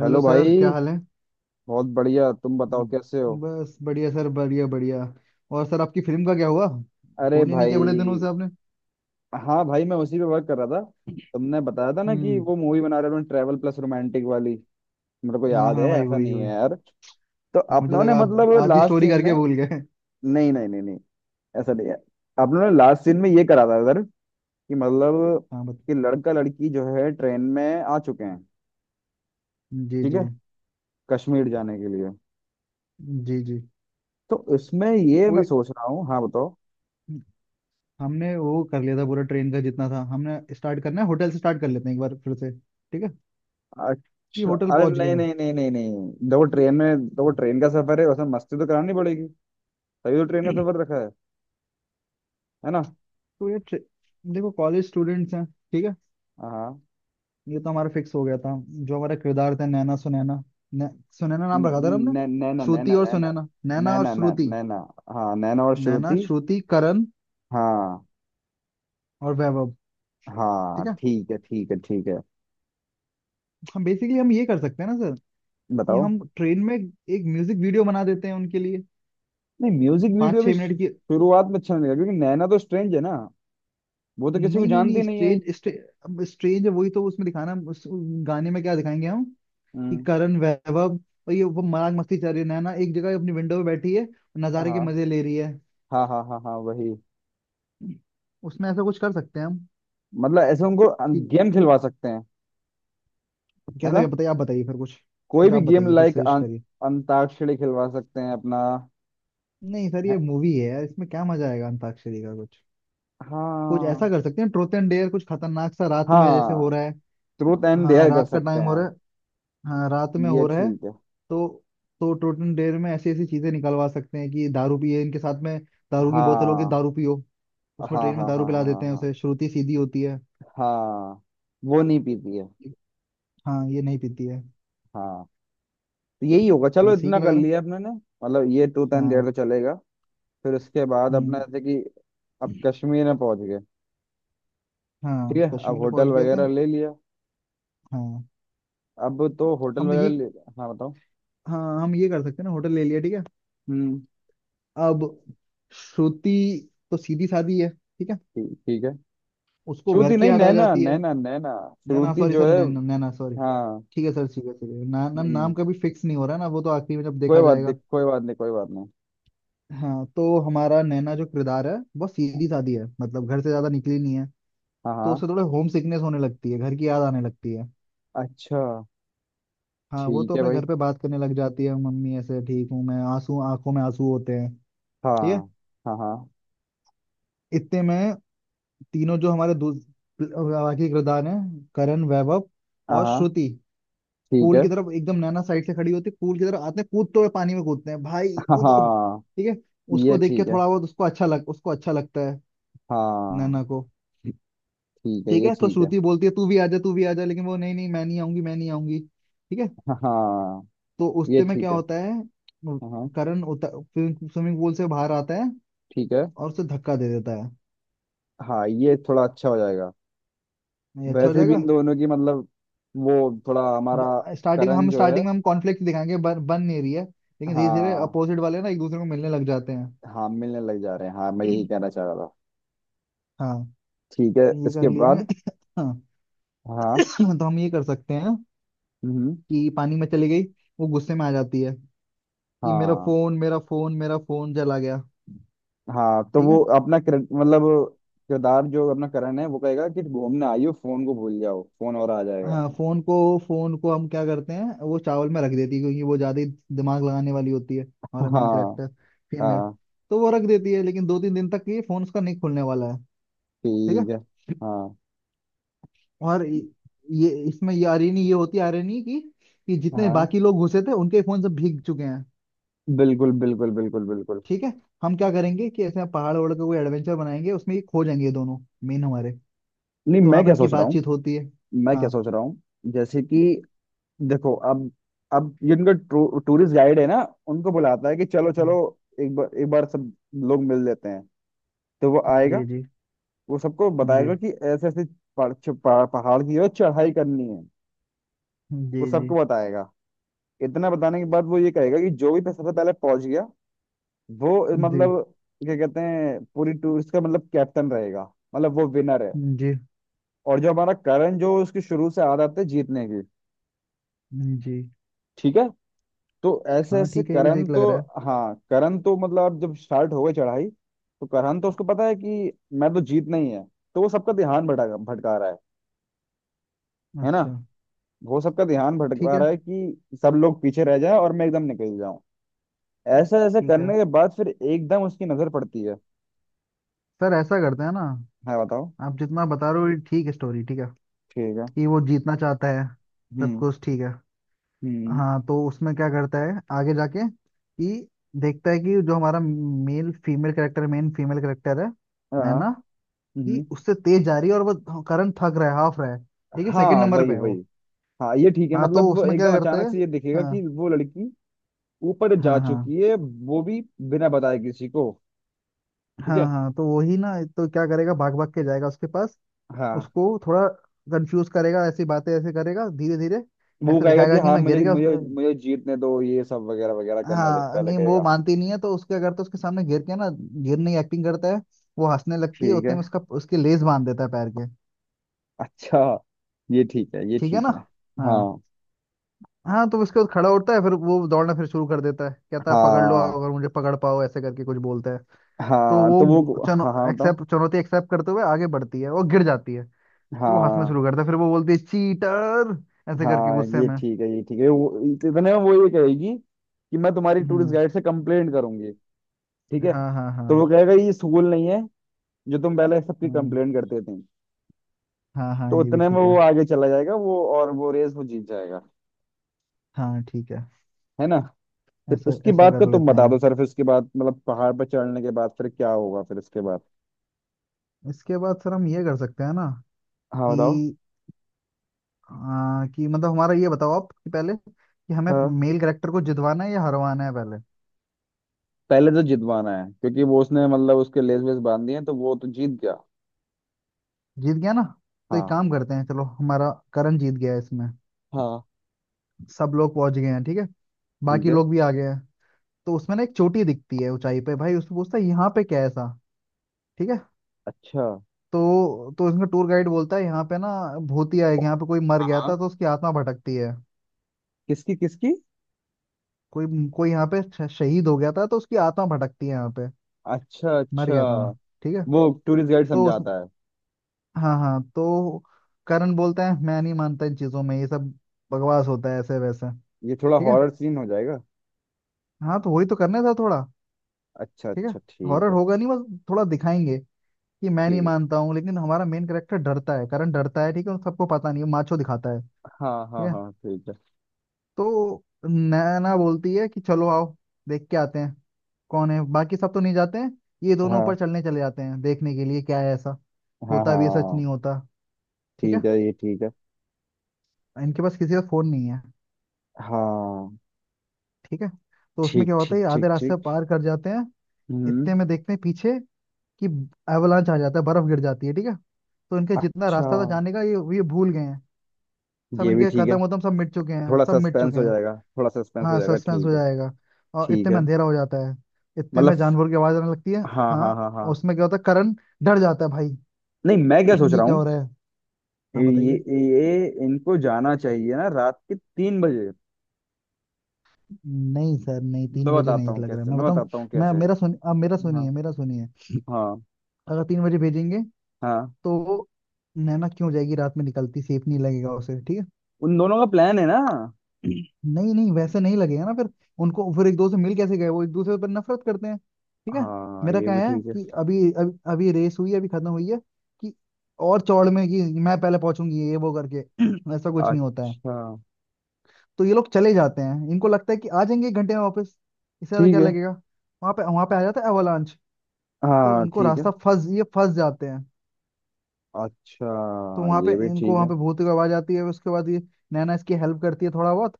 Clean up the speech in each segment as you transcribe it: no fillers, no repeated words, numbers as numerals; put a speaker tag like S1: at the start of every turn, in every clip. S1: Hello
S2: hello
S1: sir, क्या
S2: भाई।
S1: हाल है।
S2: बहुत बढ़िया, तुम बताओ कैसे हो।
S1: बस बढ़िया सर, बढ़िया बढ़िया। और सर, आपकी फिल्म का क्या हुआ।
S2: अरे
S1: फोन ही नहीं किया बड़े दिनों
S2: भाई,
S1: से आपने।
S2: हाँ भाई, मैं उसी पे वर्क कर रहा था। तुमने बताया था ना कि
S1: हम्म।
S2: वो मूवी बना रहे हो, ट्रैवल प्लस रोमांटिक वाली। मेरे को
S1: हाँ
S2: याद है,
S1: हाँ भाई,
S2: ऐसा
S1: वही
S2: नहीं है
S1: वही।
S2: यार। तो
S1: मुझे
S2: अपनों ने
S1: लगा आप
S2: मतलब
S1: आधी
S2: लास्ट
S1: स्टोरी
S2: सीन में।
S1: करके भूल गए।
S2: नहीं नहीं नहीं नहीं, ऐसा नहीं है। अपनों ने लास्ट सीन में ये करा था सर। कि मतलब
S1: हाँ बत
S2: कि लड़का लड़की जो है ट्रेन में आ चुके हैं।
S1: जी
S2: ठीक
S1: जी।
S2: है, कश्मीर जाने के लिए।
S1: जी जी।
S2: तो इसमें ये मैं
S1: वही।
S2: सोच रहा हूँ। हाँ बताओ।
S1: हमने वो कर लिया था पूरा ट्रेन का जितना था, हमने स्टार्ट करना है होटल से, स्टार्ट कर लेते हैं एक बार फिर से, ठीक है। ये
S2: अच्छा,
S1: होटल
S2: अरे
S1: पहुंच गए
S2: नहीं
S1: हैं।
S2: नहीं नहीं नहीं नहीं, देखो ट्रेन में, देखो ट्रेन का सफर है, उसमें मस्ती तो करानी पड़ेगी। तभी तो ट्रेन का सफर रखा है ना।
S1: तो ये ट्रे- देखो कॉलेज स्टूडेंट्स हैं, ठीक है।
S2: हाँ।
S1: ये तो हमारा फिक्स हो गया था, जो हमारे किरदार थे, नैना सुनैना। सुनैना नाम रखा था ना हमने।
S2: नैना
S1: श्रुति
S2: नैना
S1: और
S2: नैना।
S1: सुनैना, नैना और
S2: नैना नैना
S1: श्रुति।
S2: नैना। हाँ नैना और
S1: नैना,
S2: श्रुति।
S1: श्रुति, करण
S2: हाँ
S1: और वैभव।
S2: हाँ
S1: ठीक है।
S2: ठीक है ठीक है ठीक है।
S1: हम बेसिकली, हम ये कर सकते हैं ना सर, कि
S2: बताओ।
S1: हम ट्रेन में एक म्यूजिक वीडियो बना देते हैं उनके लिए,
S2: नहीं, म्यूजिक
S1: पाँच
S2: वीडियो भी
S1: छह मिनट की।
S2: शुरुआत में अच्छा नहीं लगा, क्योंकि नैना तो स्ट्रेंज है ना। वो तो किसी को
S1: नहीं नहीं नहीं,
S2: जानती नहीं है।
S1: स्ट्रेंज अब स्ट्रेंज है, वही तो उसमें दिखाना है। उस गाने में क्या दिखाएंगे हम, कि
S2: हम्म।
S1: करण वैभव और ये वो मजाक मस्ती चल रही है, नैना एक जगह अपनी विंडो में बैठी है और नज़ारे के
S2: हाँ
S1: मजे ले रही है।
S2: हाँ हाँ हाँ हाँ, वही।
S1: उसमें ऐसा कुछ कर सकते हैं हम,
S2: मतलब ऐसे उनको
S1: कि
S2: गेम खिलवा सकते हैं, है
S1: कैसे
S2: ना।
S1: क्या, बताइए आप बताइए फिर कुछ।
S2: कोई
S1: कुछ
S2: भी
S1: आप
S2: गेम
S1: बताइए, कुछ
S2: लाइक
S1: सजेस्ट करिए।
S2: अंताक्षरी खिलवा सकते हैं अपना।
S1: नहीं सर, ये
S2: है-
S1: मूवी है यार, इसमें क्या मजा आएगा अंताक्षरी का। कुछ कुछ ऐसा
S2: हाँ।
S1: कर सकते हैं, ट्रूथ एंड डेयर कुछ खतरनाक सा, रात में जैसे हो
S2: हाँ
S1: रहा है।
S2: ट्रूथ एंड
S1: हाँ,
S2: डेयर कर
S1: रात का
S2: सकते
S1: टाइम हो
S2: हैं।
S1: रहा है। हाँ, रात में
S2: ये
S1: हो रहा है।
S2: ठीक है।
S1: तो तो ट्रूथ एंड डेयर में ऐसी ऐसी चीजें निकलवा सकते हैं कि दारू पिए इनके साथ में। दारू की बोतल होगी,
S2: हाँ
S1: दारू पियो। उसमें
S2: हाँ
S1: ट्रेन में
S2: हाँ
S1: दारू
S2: हाँ
S1: पिला
S2: हाँ हाँ
S1: देते हैं
S2: हाँ।
S1: उसे, श्रुति सीधी होती है।
S2: हाँ। वो नहीं पीती है।
S1: हाँ, ये नहीं पीती है।
S2: हाँ, तो यही होगा, चलो
S1: ये सही
S2: इतना
S1: लग
S2: कर
S1: रहा।
S2: लिया अपने ने। मतलब ये ट्रूथ एंड
S1: हाँ।
S2: डेयर तो चलेगा। फिर उसके बाद अपना
S1: हम्म।
S2: जैसे कि अब कश्मीर में पहुंच गए। ठीक
S1: हाँ
S2: है, अब
S1: कश्मीर में
S2: होटल
S1: पहुंच गए थे।
S2: वगैरह ले लिया।
S1: हाँ।
S2: अब तो होटल
S1: हम तो
S2: वगैरह
S1: ये,
S2: ले। हाँ बताओ।
S1: हाँ हम ये कर सकते हैं ना, होटल ले लिया, ठीक है।
S2: हम्म।
S1: अब श्रुति तो सीधी सादी है, ठीक है।
S2: ठीक ठीक है।
S1: उसको घर
S2: श्रुति
S1: की
S2: नहीं,
S1: याद आ
S2: नैना
S1: जाती है।
S2: नैना नैना।
S1: नैना
S2: श्रुति
S1: सॉरी
S2: जो
S1: सर,
S2: है।
S1: नैना नैना सॉरी।
S2: हाँ।
S1: ठीक है सर, ठीक है, ठीक है ना, ना
S2: हम्म।
S1: नाम का भी फिक्स नहीं हो रहा है ना, वो तो आखिरी में जब
S2: कोई
S1: देखा
S2: बात नहीं,
S1: जाएगा।
S2: कोई बात नहीं, कोई बात नहीं।
S1: हाँ, तो हमारा नैना जो किरदार है वो सीधी सादी है, मतलब घर से ज्यादा निकली नहीं है।
S2: हाँ
S1: तो
S2: हाँ।
S1: उसे थोड़ा होम सिकनेस होने लगती है, घर की याद आने लगती है।
S2: अच्छा।
S1: हाँ, वो
S2: ठीक
S1: तो
S2: है
S1: अपने
S2: भाई।
S1: घर पे बात करने लग जाती है, मम्मी ऐसे ठीक हूँ मैं, आंसू आंखों में आंसू होते हैं।
S2: हाँ
S1: ठीक है।
S2: हाँ हाँ
S1: इतने में तीनों जो हमारे बाकी किरदार हैं, करण वैभव
S2: हाँ
S1: और
S2: हाँ।
S1: श्रुति,
S2: ठीक
S1: पूल
S2: है।
S1: की तरफ एकदम, नैना साइड से खड़ी होती है, पूल की तरफ आते हैं कूदते हुए, पानी में कूदते हैं, भाई कूदो।
S2: हाँ
S1: ठीक है।
S2: ये
S1: उसको देख के
S2: ठीक है।
S1: थोड़ा बहुत उसको अच्छा लग उसको अच्छा लगता है,
S2: हाँ
S1: नैना को।
S2: ठीक है,
S1: ठीक
S2: ये
S1: है। तो
S2: ठीक है।
S1: श्रुति बोलती है तू भी आजा तू भी आजा, लेकिन वो नहीं नहीं मैं नहीं आऊंगी मैं नहीं आऊंगी, ठीक है।
S2: हाँ
S1: तो उस
S2: ये
S1: में क्या
S2: ठीक है।
S1: होता है,
S2: हाँ हाँ।
S1: करण उतर स्विमिंग पूल से बाहर आता है
S2: ठीक है।
S1: और उसे धक्का दे देता है।
S2: हाँ, ये थोड़ा अच्छा हो जाएगा।
S1: नहीं, अच्छा हो
S2: वैसे भी
S1: जाएगा।
S2: इन दोनों की मतलब वो, थोड़ा हमारा।
S1: स्टार्टिंग में
S2: करण
S1: हम
S2: जो है।
S1: स्टार्टिंग में हम कॉन्फ्लिक्ट दिखाएंगे, बन बन नहीं रही है, लेकिन धीरे धीरे
S2: हाँ।
S1: अपोजिट वाले ना एक दूसरे को मिलने लग जाते हैं।
S2: हाँ मिलने लग जा रहे हैं, हाँ मैं यही कहना चाह रहा था।
S1: हाँ,
S2: ठीक है,
S1: तो ये कर
S2: इसके
S1: लिए
S2: बाद।
S1: गए। हाँ,
S2: हाँ।
S1: तो हम ये कर सकते हैं
S2: हम्म।
S1: कि पानी में चली गई, वो गुस्से में आ जाती है कि मेरा
S2: हाँ।
S1: फोन मेरा फोन मेरा फोन जला गया।
S2: हाँ तो
S1: ठीक
S2: वो
S1: है।
S2: अपना मतलब किरदार जो अपना करण है वो कहेगा कि घूमने आई हो, फोन को भूल जाओ, फोन और आ जाएगा।
S1: हाँ, फोन को हम क्या करते हैं, वो चावल में रख देती है, क्योंकि वो ज्यादा ही दिमाग लगाने वाली होती है, हमारा मेन
S2: हाँ।
S1: Character female.
S2: हाँ।
S1: तो वो रख देती है, लेकिन 2 3 दिन तक ये फोन उसका नहीं खुलने वाला है, ठीक
S2: ठीक है।
S1: है।
S2: हाँ।
S1: और ये इसमें ये आयरनी ये होती है, आयरनी की, कि जितने
S2: हाँ
S1: बाकी लोग घुसे थे उनके फोन सब भीग चुके हैं।
S2: बिल्कुल बिल्कुल बिल्कुल बिल्कुल।
S1: ठीक है। हम क्या करेंगे कि ऐसे पहाड़ वहाड़ का कोई एडवेंचर बनाएंगे, उसमें ये खो जाएंगे ये दोनों मेन हमारे।
S2: नहीं,
S1: तो वहां
S2: मैं
S1: पर
S2: क्या
S1: इनकी
S2: सोच रहा हूँ।
S1: बातचीत होती है।
S2: मैं क्या
S1: हाँ।
S2: सोच रहा हूँ। जैसे कि देखो, अब ये उनका टूरिस्ट गाइड है ना, उनको बुलाता है कि चलो चलो
S1: जी
S2: एक बार, एक बार सब लोग मिल लेते हैं। तो वो आएगा,
S1: जी जी
S2: वो सबको
S1: जी
S2: बताएगा कि ऐसे ऐसे पहाड़ पहाड़ की है, चढ़ाई करनी है। वो सबको
S1: जी
S2: बताएगा। इतना बताने के बाद वो ये कहेगा कि जो भी सबसे पहले पहुंच गया वो
S1: जी
S2: मतलब क्या कहते हैं पूरी टूरिस्ट का मतलब कैप्टन रहेगा, मतलब वो विनर है।
S1: जी
S2: और जो हमारा करण, जो उसकी शुरू से आदत है जीतने की।
S1: जी।
S2: ठीक है। तो ऐसे
S1: हाँ
S2: ऐसे
S1: ठीक है, ये भी सही
S2: करण
S1: लग
S2: तो।
S1: रहा
S2: हाँ करण तो मतलब अब जब स्टार्ट हो गई चढ़ाई तो करण तो उसको पता है कि मैं तो जीतना ही है। तो वो सबका ध्यान भटका भटका रहा है
S1: है।
S2: है ना।
S1: अच्छा
S2: वो सबका ध्यान
S1: ठीक
S2: भटका
S1: है।
S2: रहा है कि सब लोग पीछे रह जाए और मैं एकदम निकल जाऊं। ऐसा ऐसा
S1: ठीक है
S2: करने के बाद फिर एकदम उसकी नजर पड़ती है।
S1: सर, ऐसा करते हैं ना।
S2: हाँ बताओ।
S1: आप जितना बता रहे हो ये ठीक है, स्टोरी ठीक है,
S2: ठीक है।
S1: कि वो जीतना चाहता है, सब
S2: हम्म।
S1: कुछ ठीक है।
S2: हम्म।
S1: हाँ, तो उसमें क्या करता है, आगे जाके कि देखता है कि जो हमारा male female character main female character है,
S2: हाँ।
S1: नैना, कि
S2: हम्म।
S1: उससे तेज जा रही है और वो करंट थक रहा है, हाफ रहा है, ठीक है, सेकंड
S2: हाँ
S1: नंबर पे
S2: वही
S1: है
S2: वही।
S1: वो।
S2: हाँ ये ठीक है,
S1: हाँ, तो
S2: मतलब वो
S1: उसमें क्या
S2: एकदम
S1: करता
S2: अचानक
S1: है,
S2: से ये दिखेगा
S1: हाँ
S2: कि वो लड़की ऊपर जा
S1: हाँ हाँ
S2: चुकी है। वो भी बिना बताए किसी को। ठीक
S1: हाँ
S2: है।
S1: हाँ, तो वही ना, तो क्या करेगा, भाग भाग के जाएगा उसके पास,
S2: हाँ,
S1: उसको थोड़ा कंफ्यूज करेगा, ऐसी बातें ऐसे करेगा धीरे धीरे,
S2: वो
S1: ऐसे
S2: कहेगा कि
S1: दिखाएगा कि
S2: हाँ
S1: मैं गिर
S2: मुझे
S1: गया।
S2: मुझे मुझे जीतने दो, ये सब वगैरह वगैरह करने दे,
S1: हाँ,
S2: पहले
S1: नहीं वो
S2: कहेगा।
S1: मानती नहीं है, तो उसके अगर तो उसके सामने गिर के ना, गिरने की एक्टिंग करता है, वो हंसने लगती है,
S2: ठीक
S1: उतने
S2: है।
S1: में उसका उसके लेस बांध देता है पैर के।
S2: अच्छा। ये ठीक है, ये
S1: ठीक है
S2: ठीक
S1: ना।
S2: है।
S1: हाँ
S2: हाँ।
S1: हाँ। तो उसके बाद खड़ा होता है, फिर वो दौड़ना फिर शुरू कर देता है, कहता है पकड़ लो
S2: हाँ।
S1: अगर मुझे पकड़ पाओ ऐसे करके कुछ बोलता है। तो
S2: हाँ तो
S1: वो
S2: वो।
S1: चनो
S2: हाँ हाँ बताओ।
S1: एक्सेप्ट, चुनौती एक्सेप्ट करते हुए आगे बढ़ती है, वो गिर जाती है, फिर वो हंसना
S2: हाँ।
S1: शुरू करता है, फिर वो बोलती है चीटर ऐसे करके
S2: हाँ
S1: गुस्से
S2: ये
S1: में।
S2: ठीक है, ये ठीक है। वो इतने में वो ये कहेगी कि मैं तुम्हारी टूरिस्ट
S1: हम्म।
S2: गाइड से कंप्लेंट करूंगी। ठीक है।
S1: हाँ हाँ हाँ।
S2: तो वो कहेगा ये स्कूल नहीं है, जो तुम पहले सबकी
S1: हम्म।
S2: कंप्लेंट करते थे।
S1: हाँ हाँ,
S2: तो
S1: ये भी
S2: उतने में
S1: ठीक है।
S2: वो आगे चला जाएगा वो, और वो रेस वो जीत जाएगा,
S1: हाँ ठीक है।
S2: है ना। फिर
S1: ऐसा
S2: उसकी
S1: ऐसा
S2: बात का
S1: कर
S2: तुम
S1: लेते
S2: बता
S1: हैं।
S2: दो सर, फिर उसके बाद मतलब पहाड़ पर चढ़ने के बाद फिर क्या होगा, फिर इसके बाद।
S1: इसके बाद सर हम ये कर सकते हैं ना,
S2: हाँ बताओ।
S1: कि कि मतलब हमारा ये बताओ आप, कि पहले कि हमें
S2: हाँ
S1: मेल कैरेक्टर को जितवाना है या हरवाना है पहले।
S2: पहले तो जितवाना है, क्योंकि वो उसने मतलब उसके लेस वेस बांध दिए हैं, तो वो तो जीत गया।
S1: जीत गया ना, तो एक
S2: हाँ।
S1: काम करते हैं, चलो हमारा करण जीत गया है इसमें।
S2: हाँ।
S1: सब लोग पहुंच गए हैं, ठीक है,
S2: ठीक
S1: बाकी
S2: है।
S1: लोग भी आ गए हैं। तो उसमें ना एक चोटी दिखती है ऊंचाई पे, भाई उसको पूछता है यहाँ पे क्या है ऐसा, ठीक है।
S2: अच्छा।
S1: तो इसमें टूर गाइड बोलता है यहाँ पे ना भूतिया है, यहाँ पे कोई मर गया था
S2: हाँ।
S1: तो उसकी आत्मा भटकती है।
S2: किसकी किसकी।
S1: कोई, कोई यहाँ पे शहीद हो गया था तो उसकी आत्मा भटकती है यहाँ पे,
S2: अच्छा
S1: मर
S2: अच्छा।
S1: गया था ना, ठीक है।
S2: वो टूरिस्ट गाइड
S1: तो उस,
S2: समझाता है।
S1: हाँ हाँ, तो करण बोलता है मैं नहीं मानता इन चीजों में, ये सब बकवास होता है ऐसे वैसे।
S2: ये थोड़ा
S1: ठीक है।
S2: हॉरर सीन हो जाएगा।
S1: हाँ, तो वही तो करने था थोड़ा।
S2: अच्छा
S1: ठीक है।
S2: अच्छा ठीक
S1: हॉरर
S2: है।
S1: होगा नहीं, बस थोड़ा दिखाएंगे कि मैं नहीं
S2: ठीक।
S1: मानता हूँ, लेकिन हमारा मेन कैरेक्टर डरता है, करण डरता है, ठीक है, और सबको पता नहीं है, माचो दिखाता है।
S2: हाँ
S1: ठीक
S2: हाँ
S1: है।
S2: हाँ ठीक है।
S1: तो नैना बोलती है कि चलो आओ देख के आते हैं कौन है, बाकी सब तो नहीं जाते हैं, ये दोनों ऊपर
S2: हाँ
S1: चलने चले जाते हैं देखने के लिए क्या है ऐसा।
S2: हाँ
S1: होता भी है, सच
S2: हाँ।
S1: नहीं होता। ठीक है।
S2: ठीक है, ये ठीक है।
S1: इनके पास किसी का फोन नहीं है।
S2: हाँ।
S1: ठीक है, तो उसमें
S2: ठीक
S1: क्या होता
S2: ठीक
S1: है, ये
S2: ठीक
S1: आधे रास्ते
S2: ठीक।
S1: पार कर जाते हैं,
S2: हम्म।
S1: इतने में देखते हैं पीछे कि एवलांच आ जाता है, बर्फ गिर जाती है, ठीक है। तो इनके जितना
S2: अच्छा।
S1: रास्ता था जाने का ये भूल गए हैं, सब
S2: ये भी
S1: इनके
S2: ठीक है।
S1: कदम वदम सब मिट चुके हैं,
S2: थोड़ा
S1: सब मिट
S2: सस्पेंस
S1: चुके
S2: हो
S1: हैं।
S2: जाएगा, थोड़ा सस्पेंस हो
S1: हाँ,
S2: जाएगा,
S1: सस्पेंस हो
S2: ठीक है।
S1: जाएगा। और
S2: ठीक
S1: इतने में
S2: है।
S1: अंधेरा हो जाता है, इतने में
S2: मतलब।
S1: जानवर की आवाज आने लगती है।
S2: हाँ
S1: हाँ,
S2: हाँ हाँ
S1: और
S2: हाँ।
S1: उसमें क्या होता है, करण डर जाता है भाई।
S2: नहीं, मैं क्या सोच
S1: ये
S2: रहा
S1: क्या
S2: हूँ।
S1: हो रहा है। हाँ
S2: ये
S1: बताइए।
S2: ये इनको जाना चाहिए ना रात के 3 बजे।
S1: नहीं सर, नहीं तीन
S2: मैं
S1: बजे
S2: बताता
S1: नहीं
S2: हूँ
S1: लग रहा है,
S2: कैसे,
S1: मैं
S2: मैं
S1: बताऊं।
S2: बताता हूँ
S1: मैं
S2: कैसे।
S1: मेरा सुन अब मेरा
S2: हाँ।
S1: सुनिए, मेरा सुनिए।
S2: हाँ।
S1: अगर 3 बजे भेजेंगे
S2: हाँ
S1: तो नैना क्यों जाएगी, रात में निकलती सेफ नहीं लगेगा उसे, ठीक है।
S2: उन दोनों का प्लान है ना।
S1: नहीं नहीं वैसे नहीं लगेगा ना फिर, उनको फिर एक दूसरे से मिल कैसे गए, वो एक दूसरे पर नफरत करते हैं, ठीक है।
S2: हाँ
S1: मेरा
S2: ये
S1: क्या
S2: भी
S1: है
S2: ठीक है।
S1: कि अभी अभी, अभी रेस हुई है, अभी खत्म हुई है, कि और चौड़ में कि मैं पहले पहुंचूंगी ये वो करके, ऐसा कुछ नहीं होता है।
S2: अच्छा।
S1: तो ये लोग चले जाते हैं, इनको लगता है कि आ जाएंगे एक घंटे में वापस, इससे ज्यादा
S2: ठीक
S1: क्या
S2: है।
S1: लगेगा। वहां पे आ जाता है एवलांच, तो
S2: हाँ
S1: इनको
S2: ठीक है।
S1: रास्ता फंस ये फंस जाते हैं।
S2: अच्छा।
S1: तो वहां पे
S2: ये भी
S1: इनको
S2: ठीक
S1: वहां
S2: है।
S1: पे भूत की आवाज आती है, उसके बाद ये नैना इसकी हेल्प करती है थोड़ा बहुत,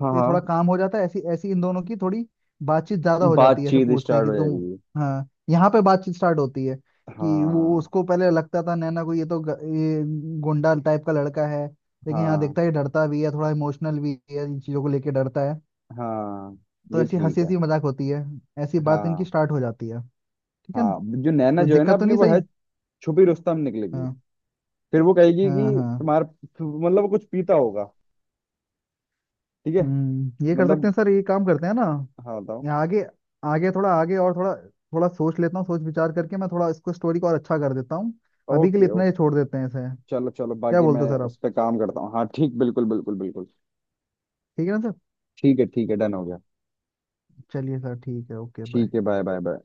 S2: हाँ
S1: ये थोड़ा
S2: हाँ।
S1: काम हो जाता है, ऐसी ऐसी इन दोनों की थोड़ी बातचीत ज्यादा हो जाती है, ऐसे
S2: बातचीत
S1: पूछते हैं
S2: स्टार्ट
S1: कि
S2: हो
S1: तुम।
S2: जाएगी।
S1: हाँ, यहाँ पे बातचीत स्टार्ट होती है, कि वो
S2: हाँ।
S1: उसको पहले लगता था नैना को ये तो ये गुंडा टाइप का लड़का है, लेकिन यहाँ
S2: हाँ
S1: देखता है ये डरता भी है थोड़ा, इमोशनल भी है, इन चीजों को लेके डरता है।
S2: हाँ।
S1: तो
S2: ये
S1: ऐसी हंसी
S2: ठीक है।
S1: हंसी मजाक होती है, ऐसी बात इनकी
S2: हाँ
S1: स्टार्ट हो जाती है, ठीक है ना।
S2: हाँ जो नैना
S1: कुछ
S2: जो है ना
S1: दिक्कत तो
S2: अपनी
S1: नहीं,
S2: वो
S1: सही।
S2: है, छुपी रुस्तम निकलेगी।
S1: हाँ
S2: फिर वो कहेगी
S1: हाँ
S2: कि
S1: हाँ।
S2: तुम्हारा मतलब वो कुछ पीता होगा। ठीक है।
S1: हम्म, ये कर सकते
S2: मतलब।
S1: हैं सर, ये काम करते हैं ना,
S2: हाँ बताओ।
S1: यहाँ आगे, आगे थोड़ा आगे, और थोड़ा थोड़ा सोच लेता हूँ, सोच विचार करके मैं थोड़ा इसको स्टोरी को और अच्छा कर देता हूँ। अभी के
S2: ओके
S1: लिए इतना
S2: ओके।
S1: ही छोड़ देते हैं इसे।
S2: चलो चलो,
S1: क्या
S2: बाकी
S1: बोलते
S2: मैं
S1: हो सर
S2: इस
S1: आप,
S2: पे काम करता हूँ, हाँ ठीक, बिल्कुल बिल्कुल बिल्कुल।
S1: ठीक है ना सर।
S2: ठीक है ठीक है, डन हो गया।
S1: चलिए सर, ठीक है, ओके बाय।
S2: ठीक है, बाय बाय बाय।